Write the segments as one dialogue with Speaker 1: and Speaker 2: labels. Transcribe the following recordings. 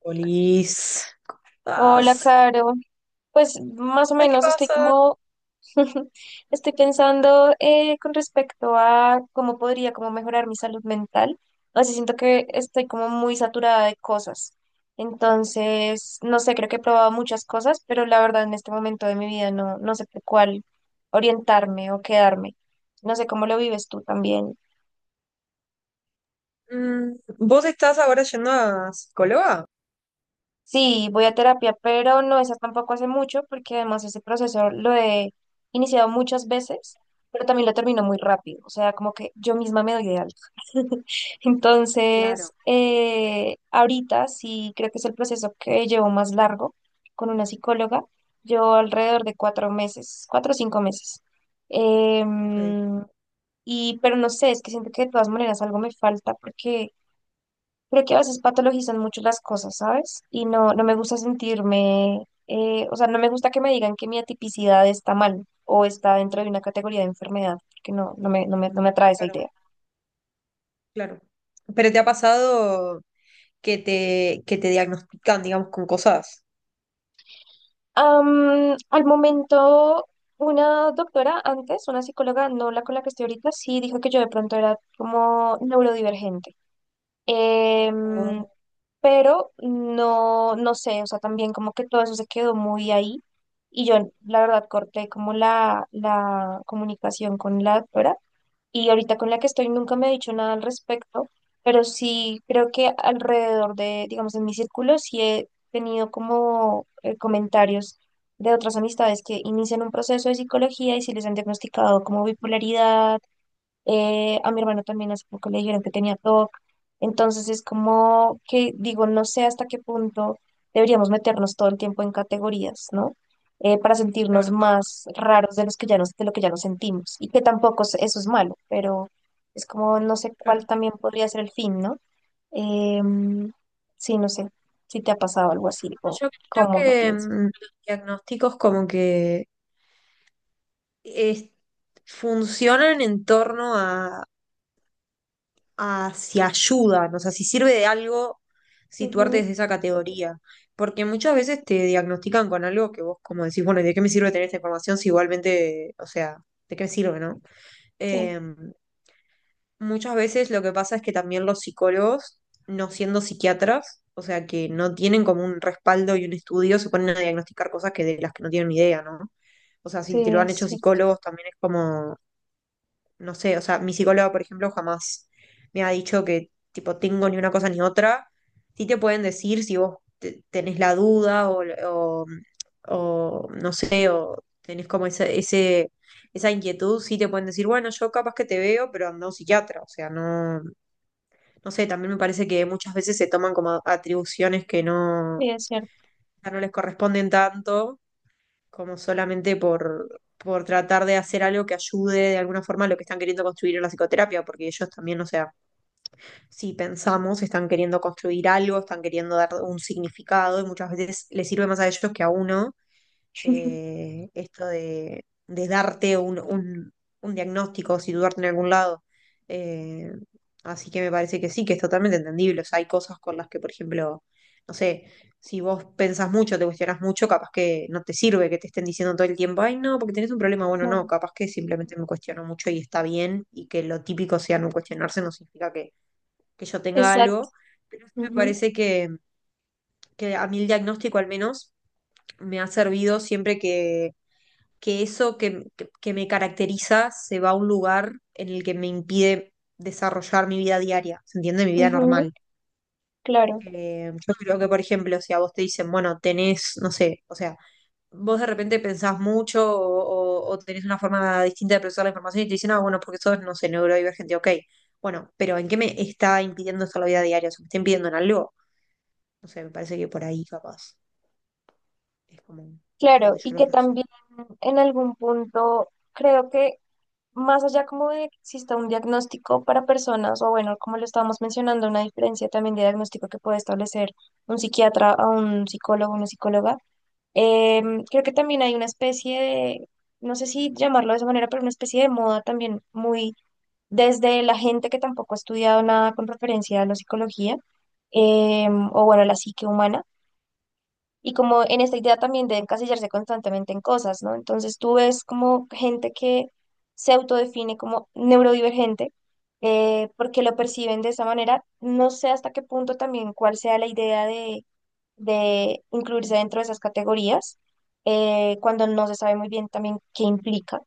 Speaker 1: Polis,
Speaker 2: Hola,
Speaker 1: Estás-
Speaker 2: Caro. Pues más o
Speaker 1: Ay, ¿qué
Speaker 2: menos estoy
Speaker 1: pasa?
Speaker 2: como, estoy pensando con respecto a cómo podría como mejorar mi salud mental. O sea, siento que estoy como muy saturada de cosas. Entonces, no sé, creo que he probado muchas cosas, pero la verdad en este momento de mi vida no, no sé por cuál orientarme o quedarme. No sé cómo lo vives tú también.
Speaker 1: Mm, ¿vos estás ahora yendo a psicóloga?
Speaker 2: Sí, voy a terapia, pero no esa tampoco hace mucho, porque además ese proceso lo he iniciado muchas veces, pero también lo termino muy rápido, o sea, como que yo misma me doy de alta. Entonces,
Speaker 1: Claro.
Speaker 2: ahorita sí creo que es el proceso que llevo más largo con una psicóloga. Llevo alrededor de cuatro meses, cuatro o cinco meses.
Speaker 1: Ok,
Speaker 2: Em, y, pero no sé, es que siento que de todas maneras algo me falta porque creo que a veces patologizan mucho las cosas, ¿sabes? Y no, no me gusta sentirme, o sea, no me gusta que me digan que mi atipicidad está mal o está dentro de una categoría de enfermedad, porque no, no me atrae esa
Speaker 1: claro,
Speaker 2: idea.
Speaker 1: claro. ¿Pero te ha pasado que te diagnostican, digamos, con cosas?
Speaker 2: Al momento, una doctora antes, una psicóloga, no la con la que estoy ahorita, sí dijo que yo de pronto era como neurodivergente. Em,
Speaker 1: Oh,
Speaker 2: pero no, no sé, o sea, también como que todo eso se quedó muy ahí y yo la verdad corté como la comunicación con la doctora, y ahorita con la que estoy nunca me ha dicho nada al respecto, pero sí creo que alrededor de, digamos, en mi círculo sí he tenido como comentarios de otras amistades que inician un proceso de psicología, y si les han diagnosticado como bipolaridad. A mi hermano también hace poco le dijeron que tenía TOC. Entonces es como que digo, no sé hasta qué punto deberíamos meternos todo el tiempo en categorías, ¿no? Para sentirnos
Speaker 1: claro,
Speaker 2: más raros de los que ya nos, de lo que ya nos sentimos. Y que tampoco eso es malo, pero es como no sé cuál
Speaker 1: claro.
Speaker 2: también podría ser el fin, ¿no? Em, sí, no sé si te ha pasado algo así
Speaker 1: No,
Speaker 2: o
Speaker 1: yo creo
Speaker 2: cómo lo
Speaker 1: que
Speaker 2: piensas.
Speaker 1: mm, los diagnósticos como que es- funcionan en torno a si ayudan, o sea, si sirve de algo situarte
Speaker 2: Ujú.
Speaker 1: desde esa categoría. Porque muchas veces te diagnostican con algo que vos como decís, bueno, ¿y de qué me sirve tener esta información si igualmente, o sea, ¿de qué me sirve, no?
Speaker 2: Sí,
Speaker 1: Eh, Muchas veces lo que pasa es que también los psicólogos, no siendo psiquiatras, o sea, que no tienen como un respaldo y un estudio, se ponen a diagnosticar cosas que de las que no tienen ni idea, ¿no? O sea,
Speaker 2: sí,
Speaker 1: si te lo han
Speaker 2: es
Speaker 1: hecho
Speaker 2: cierto.
Speaker 1: psicólogos, también es como no sé, o sea, mi psicóloga, por ejemplo, jamás me ha dicho que tipo tengo ni una cosa ni otra. Sí te pueden decir si vos tenés la duda o o, no sé, o tenés como ese, esa inquietud, sí te pueden decir, bueno, yo capaz que te veo, pero anda a un psiquiatra. O sea, no, no sé, también me parece que muchas veces se toman como atribuciones que no,
Speaker 2: Sí, es cierto.
Speaker 1: no les corresponden tanto como solamente por tratar de hacer algo que ayude de alguna forma a lo que están queriendo construir en la psicoterapia, porque ellos también, o sea, si pensamos, están queriendo construir algo, están queriendo dar un significado y muchas veces les sirve más a ellos que a uno esto de darte un diagnóstico, situarte en algún lado. Eh, Así que me parece que sí, que es totalmente entendible. O sea, hay cosas con las que, por ejemplo, no sé, si vos pensás mucho, te cuestionás mucho, capaz que no te sirve que te estén diciendo todo el tiempo, ay, no, porque tenés un problema. Bueno,
Speaker 2: No,
Speaker 1: no, capaz que simplemente me cuestiono mucho y está bien, y que lo típico sea no cuestionarse, no significa que yo tenga
Speaker 2: exacto.
Speaker 1: algo. Pero sí me
Speaker 2: Ujú,
Speaker 1: parece que a mí el diagnóstico al menos me ha servido siempre que eso que, que me caracteriza se va a un lugar en el que me impide desarrollar mi vida diaria, ¿se entiende? Mi vida
Speaker 2: ujú.
Speaker 1: normal.
Speaker 2: Claro,
Speaker 1: Yo creo que, por ejemplo, si a vos te dicen, bueno, tenés, no sé, o sea, vos de repente pensás mucho o o tenés una forma distinta de procesar la información y te dicen, ah, bueno, porque sos, no sé, neurodivergente, ok. Bueno, pero ¿en qué me está impidiendo esto la vida diaria? O sea, ¿me está impidiendo en algo? No sé, me parece que por ahí capaz es como por
Speaker 2: claro,
Speaker 1: donde yo
Speaker 2: y
Speaker 1: lo
Speaker 2: que
Speaker 1: resuelvo.
Speaker 2: también en algún punto creo que más allá como de que exista un diagnóstico para personas, o bueno, como lo estábamos mencionando, una diferencia también de diagnóstico que puede establecer un psiquiatra a un psicólogo, una psicóloga, creo que también hay una especie de, no sé si llamarlo de esa manera, pero una especie de moda también muy desde la gente que tampoco ha estudiado nada con referencia a la psicología, o bueno, la psique humana. Y como en esta idea también de encasillarse constantemente en cosas, ¿no? Entonces tú ves como gente que se autodefine como neurodivergente, porque lo perciben de esa manera. No sé hasta qué punto también cuál sea la idea de incluirse dentro de esas categorías, cuando no se sabe muy bien también qué implica.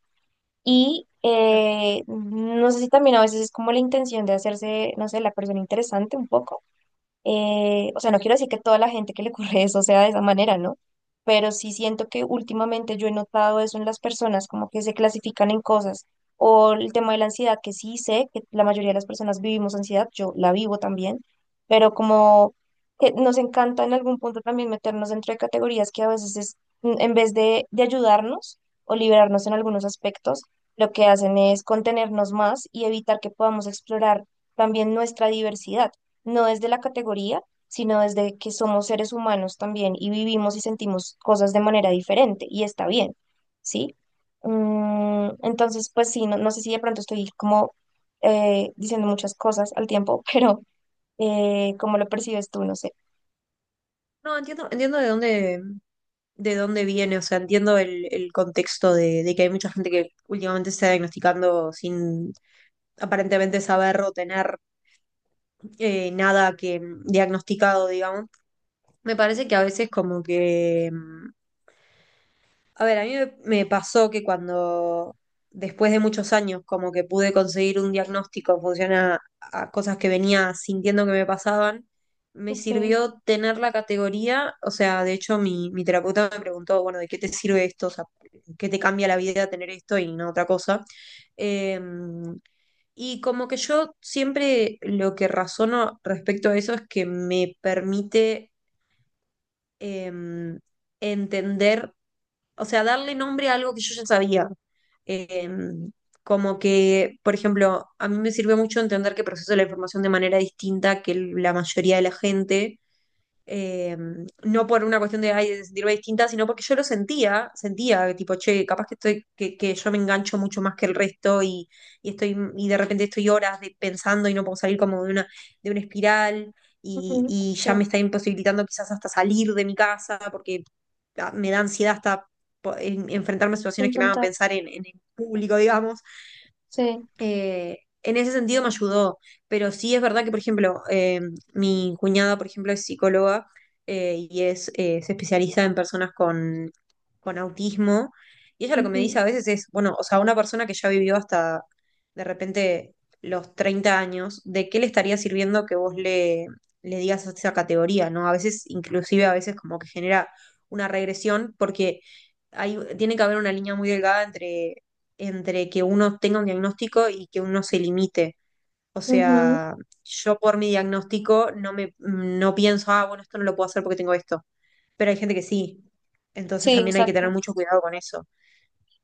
Speaker 2: Y
Speaker 1: Claro.
Speaker 2: no sé si también a veces es como la intención de hacerse, no sé, la persona interesante un poco. O sea, no quiero decir que toda la gente que le ocurre eso sea de esa manera, ¿no? Pero sí siento que últimamente yo he notado eso en las personas, como que se clasifican en cosas. O el tema de la ansiedad, que sí sé que la mayoría de las personas vivimos ansiedad, yo la vivo también, pero como que nos encanta en algún punto también meternos dentro de categorías que a veces es, en vez de ayudarnos o liberarnos en algunos aspectos, lo que hacen es contenernos más y evitar que podamos explorar también nuestra diversidad, no desde la categoría, sino desde que somos seres humanos también y vivimos y sentimos cosas de manera diferente, y está bien, ¿sí? Entonces, pues sí, no, no sé si de pronto estoy como diciendo muchas cosas al tiempo, pero ¿cómo lo percibes tú? No sé.
Speaker 1: No, entiendo, entiendo de dónde viene, o sea, entiendo el contexto de que hay mucha gente que últimamente se está diagnosticando sin aparentemente saber o tener nada que diagnosticado, digamos. Me parece que a veces como que mm, a ver, a mí me pasó que cuando, después de muchos años, como que pude conseguir un diagnóstico en función a cosas que venía sintiendo que me pasaban, me
Speaker 2: Okay.
Speaker 1: sirvió tener la categoría, o sea, de hecho mi, mi terapeuta me preguntó, bueno, ¿de qué te sirve esto? O sea, ¿qué te cambia la vida tener esto y no otra cosa? Em, y como que yo siempre lo que razono respecto a eso es que me permite em, entender, o sea, darle nombre a algo que yo ya sabía. Eh, como que, por ejemplo, a mí me sirvió mucho entender que proceso la información de manera distinta que la mayoría de la gente eh, no por una cuestión de, ay, de sentirme distinta, sino porque yo lo sentía, sentía, tipo, che, capaz que estoy, que yo me engancho mucho más que el resto y estoy, y de repente estoy horas pensando y no puedo salir como de una espiral
Speaker 2: Ujú.
Speaker 1: y
Speaker 2: Sí,
Speaker 1: ya me está imposibilitando quizás hasta salir de mi casa porque ah, me da ansiedad hasta enfrentarme a situaciones que me hagan
Speaker 2: intentar.
Speaker 1: pensar en el público, digamos.
Speaker 2: Sí.
Speaker 1: En ese sentido me ayudó, pero sí es verdad que, por ejemplo, mi cuñada, por ejemplo, es psicóloga y es, se especializa en personas con autismo. Y ella lo que me dice
Speaker 2: Ujú,
Speaker 1: a veces es, bueno, o sea, una persona que ya vivió hasta de repente los 30 años, ¿de qué le estaría sirviendo que vos le, le digas esa categoría, ¿no? A veces, inclusive a veces como que genera una regresión porque hay, tiene que haber una línea muy delgada entre, entre que uno tenga un diagnóstico y que uno se limite. O
Speaker 2: ujú.
Speaker 1: sea, yo por mi diagnóstico no me no pienso, ah, bueno, esto no lo puedo hacer porque tengo esto. Pero hay gente que sí. Entonces
Speaker 2: Sí,
Speaker 1: también hay que tener
Speaker 2: exacto.
Speaker 1: mucho cuidado con eso.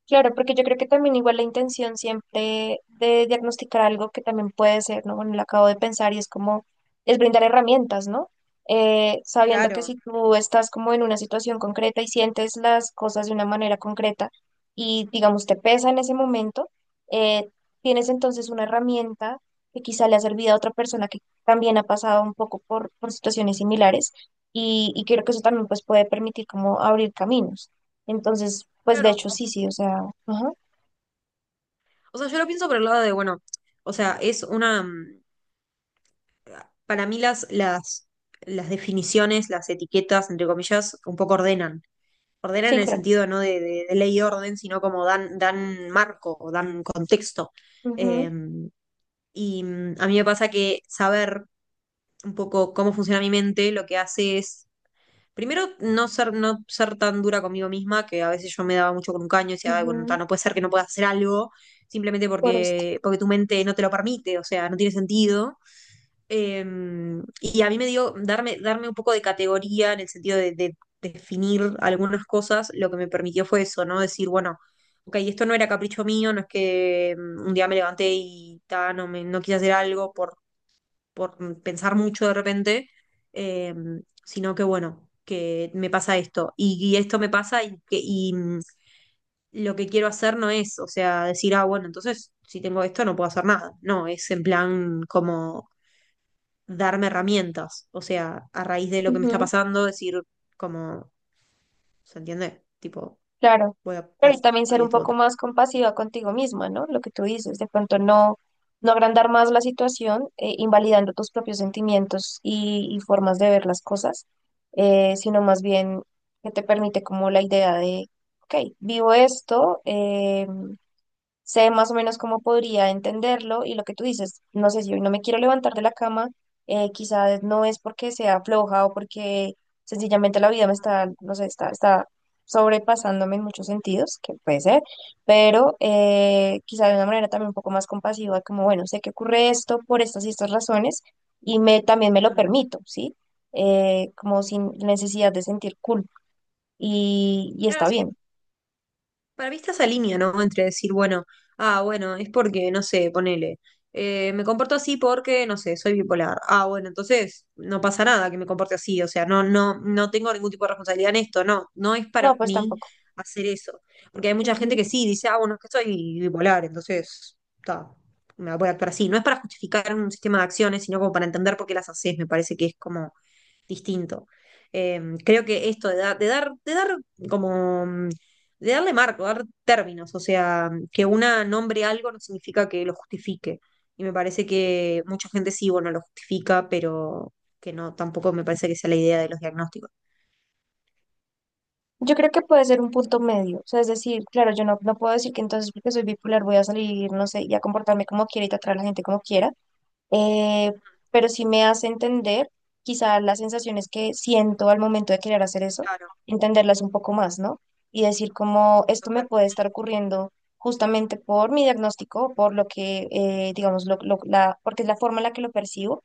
Speaker 2: Claro, porque yo creo que también igual la intención siempre de diagnosticar algo que también puede ser, ¿no? Bueno, lo acabo de pensar y es como, es brindar herramientas, ¿no? Sabiendo que
Speaker 1: Claro.
Speaker 2: si tú estás como en una situación concreta y sientes las cosas de una manera concreta y digamos te pesa en ese momento, eh, tienes entonces una herramienta que quizá le ha servido a otra persona que también ha pasado un poco por situaciones similares, y creo que eso también pues puede permitir como abrir caminos. Entonces, pues de
Speaker 1: Claro.
Speaker 2: hecho sí, sí, o sea, ajá,
Speaker 1: O sea, yo lo pienso por el lado de, bueno, o sea, es una, mm, para mí las definiciones, las etiquetas, entre comillas, un poco ordenan. Ordenan
Speaker 2: sí,
Speaker 1: en el
Speaker 2: claro.
Speaker 1: sentido no de, de ley y orden, sino como dan, dan marco o dan contexto. Eh,
Speaker 2: Ujú,
Speaker 1: y mm, a mí me pasa que saber un poco cómo funciona mi mente, lo que hace es primero, no ser, no ser tan dura conmigo misma, que a veces yo me daba mucho con un caño y decía: "Ay, bueno,
Speaker 2: ujú,
Speaker 1: ta, no puede ser que no puedas hacer algo simplemente
Speaker 2: por esto.
Speaker 1: porque, porque tu mente no te lo permite, o sea, no tiene sentido." Eh, y a mí me dio darme, darme un poco de categoría en el sentido de definir algunas cosas, lo que me permitió fue eso, ¿no? Decir, bueno, ok, esto no era capricho mío, no es que mm, un día me levanté y ta, no, me, no quise hacer algo por pensar mucho de repente, eh, sino que bueno, que me pasa esto y esto me pasa y, y mm, lo que quiero hacer no es, o sea, decir, ah, bueno, entonces si tengo esto no puedo hacer nada. No, es en plan como darme herramientas, o sea, a raíz de lo que me está
Speaker 2: Ujú,
Speaker 1: pasando, decir como, ¿se entiende? Tipo,
Speaker 2: claro.
Speaker 1: voy a
Speaker 2: Pero y
Speaker 1: pasar
Speaker 2: también
Speaker 1: esto
Speaker 2: ser
Speaker 1: y
Speaker 2: un
Speaker 1: esto
Speaker 2: poco
Speaker 1: otro.
Speaker 2: más compasiva contigo misma, ¿no? Lo que tú dices, de pronto no, no agrandar más la situación, invalidando tus propios sentimientos y formas de ver las cosas, sino más bien que te permite como la idea de, ok, vivo esto, sé más o menos cómo podría entenderlo, y lo que tú dices, no sé si hoy no me quiero levantar de la cama, quizás no es porque sea floja, o porque sencillamente la vida me está, no sé, está, está sobrepasándome en muchos sentidos, que puede ser, pero quizás de una manera también un poco más compasiva, como bueno, sé que ocurre esto por estas y estas razones, y me, también me lo
Speaker 1: Claro,
Speaker 2: permito, ¿sí? Como
Speaker 1: sí.
Speaker 2: sin necesidad de sentir culpa, y
Speaker 1: Claro,
Speaker 2: está
Speaker 1: sí,
Speaker 2: bien.
Speaker 1: para mí está esa línea, ¿no? Entre decir, bueno, ah, bueno, es porque, no sé, ponele, me comporto así porque, no sé, soy bipolar. Ah, bueno, entonces no pasa nada que me comporte así, o sea, no, no, no tengo ningún tipo de responsabilidad en esto, no, no es
Speaker 2: No,
Speaker 1: para
Speaker 2: pues
Speaker 1: mí
Speaker 2: tampoco.
Speaker 1: hacer eso. Porque hay mucha gente que sí dice, ah, bueno, es que soy bipolar, entonces, está, me voy a actuar así. No es para justificar un sistema de acciones, sino como para entender por qué las haces, me parece que es como distinto. Creo que esto de dar como, mm, de darle marco, dar términos, o sea, que una nombre algo no significa que lo justifique. Y me parece que mucha gente sí, bueno, lo justifica, pero que no, tampoco me parece que sea la idea de los diagnósticos.
Speaker 2: Yo creo que puede ser un punto medio, o sea, es decir, claro, yo no, no puedo decir que entonces porque soy bipolar voy a salir, no sé, y a comportarme como quiera y tratar a la gente como quiera, eh, pero sí me hace entender quizá las sensaciones que siento al momento de querer hacer eso,
Speaker 1: Claro,
Speaker 2: entenderlas un poco más, ¿no? Y decir como esto me
Speaker 1: total.
Speaker 2: puede estar ocurriendo justamente por mi diagnóstico, por lo que, digamos, porque es la forma en la que lo percibo,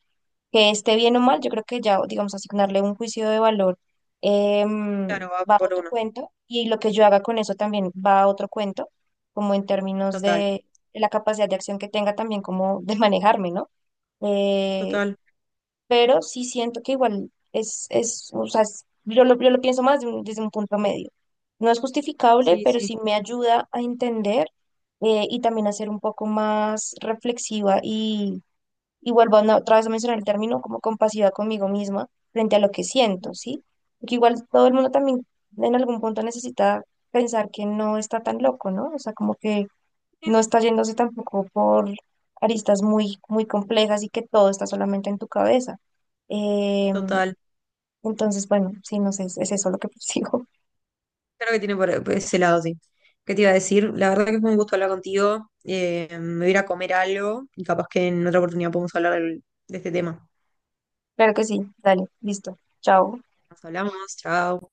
Speaker 2: que esté bien o mal.
Speaker 1: Mm,
Speaker 2: Yo creo que ya, digamos, asignarle un juicio de valor em,
Speaker 1: claro, va
Speaker 2: va a
Speaker 1: por
Speaker 2: otro
Speaker 1: uno.
Speaker 2: cuento, y lo que yo haga con eso también va a otro cuento, como en términos
Speaker 1: Total,
Speaker 2: de la capacidad de acción que tenga también como de manejarme, ¿no? Eh,
Speaker 1: total.
Speaker 2: pero sí siento que igual es o sea, yo lo pienso más de desde un punto medio. No es justificable,
Speaker 1: Sí,
Speaker 2: pero
Speaker 1: sí.
Speaker 2: sí me ayuda a entender, y también a ser un poco más reflexiva, y vuelvo a otra vez a mencionar el término como compasiva conmigo misma frente a lo que
Speaker 1: Mm,
Speaker 2: siento, ¿sí? Porque igual todo el mundo también en algún punto necesita pensar que no está tan loco, ¿no? O sea, como que
Speaker 1: sí,
Speaker 2: no está yéndose tampoco por aristas muy, muy complejas, y que todo está solamente en tu cabeza. Em,
Speaker 1: total.
Speaker 2: entonces, bueno, sí, no sé, es eso lo que persigo.
Speaker 1: Claro que tiene por ese lado, sí. ¿Qué te iba a decir? La verdad que fue un gusto hablar contigo. Me voy a ir a comer algo y capaz que en otra oportunidad podemos hablar de este tema.
Speaker 2: Claro que sí, dale, listo, chao.
Speaker 1: Nos hablamos, chao.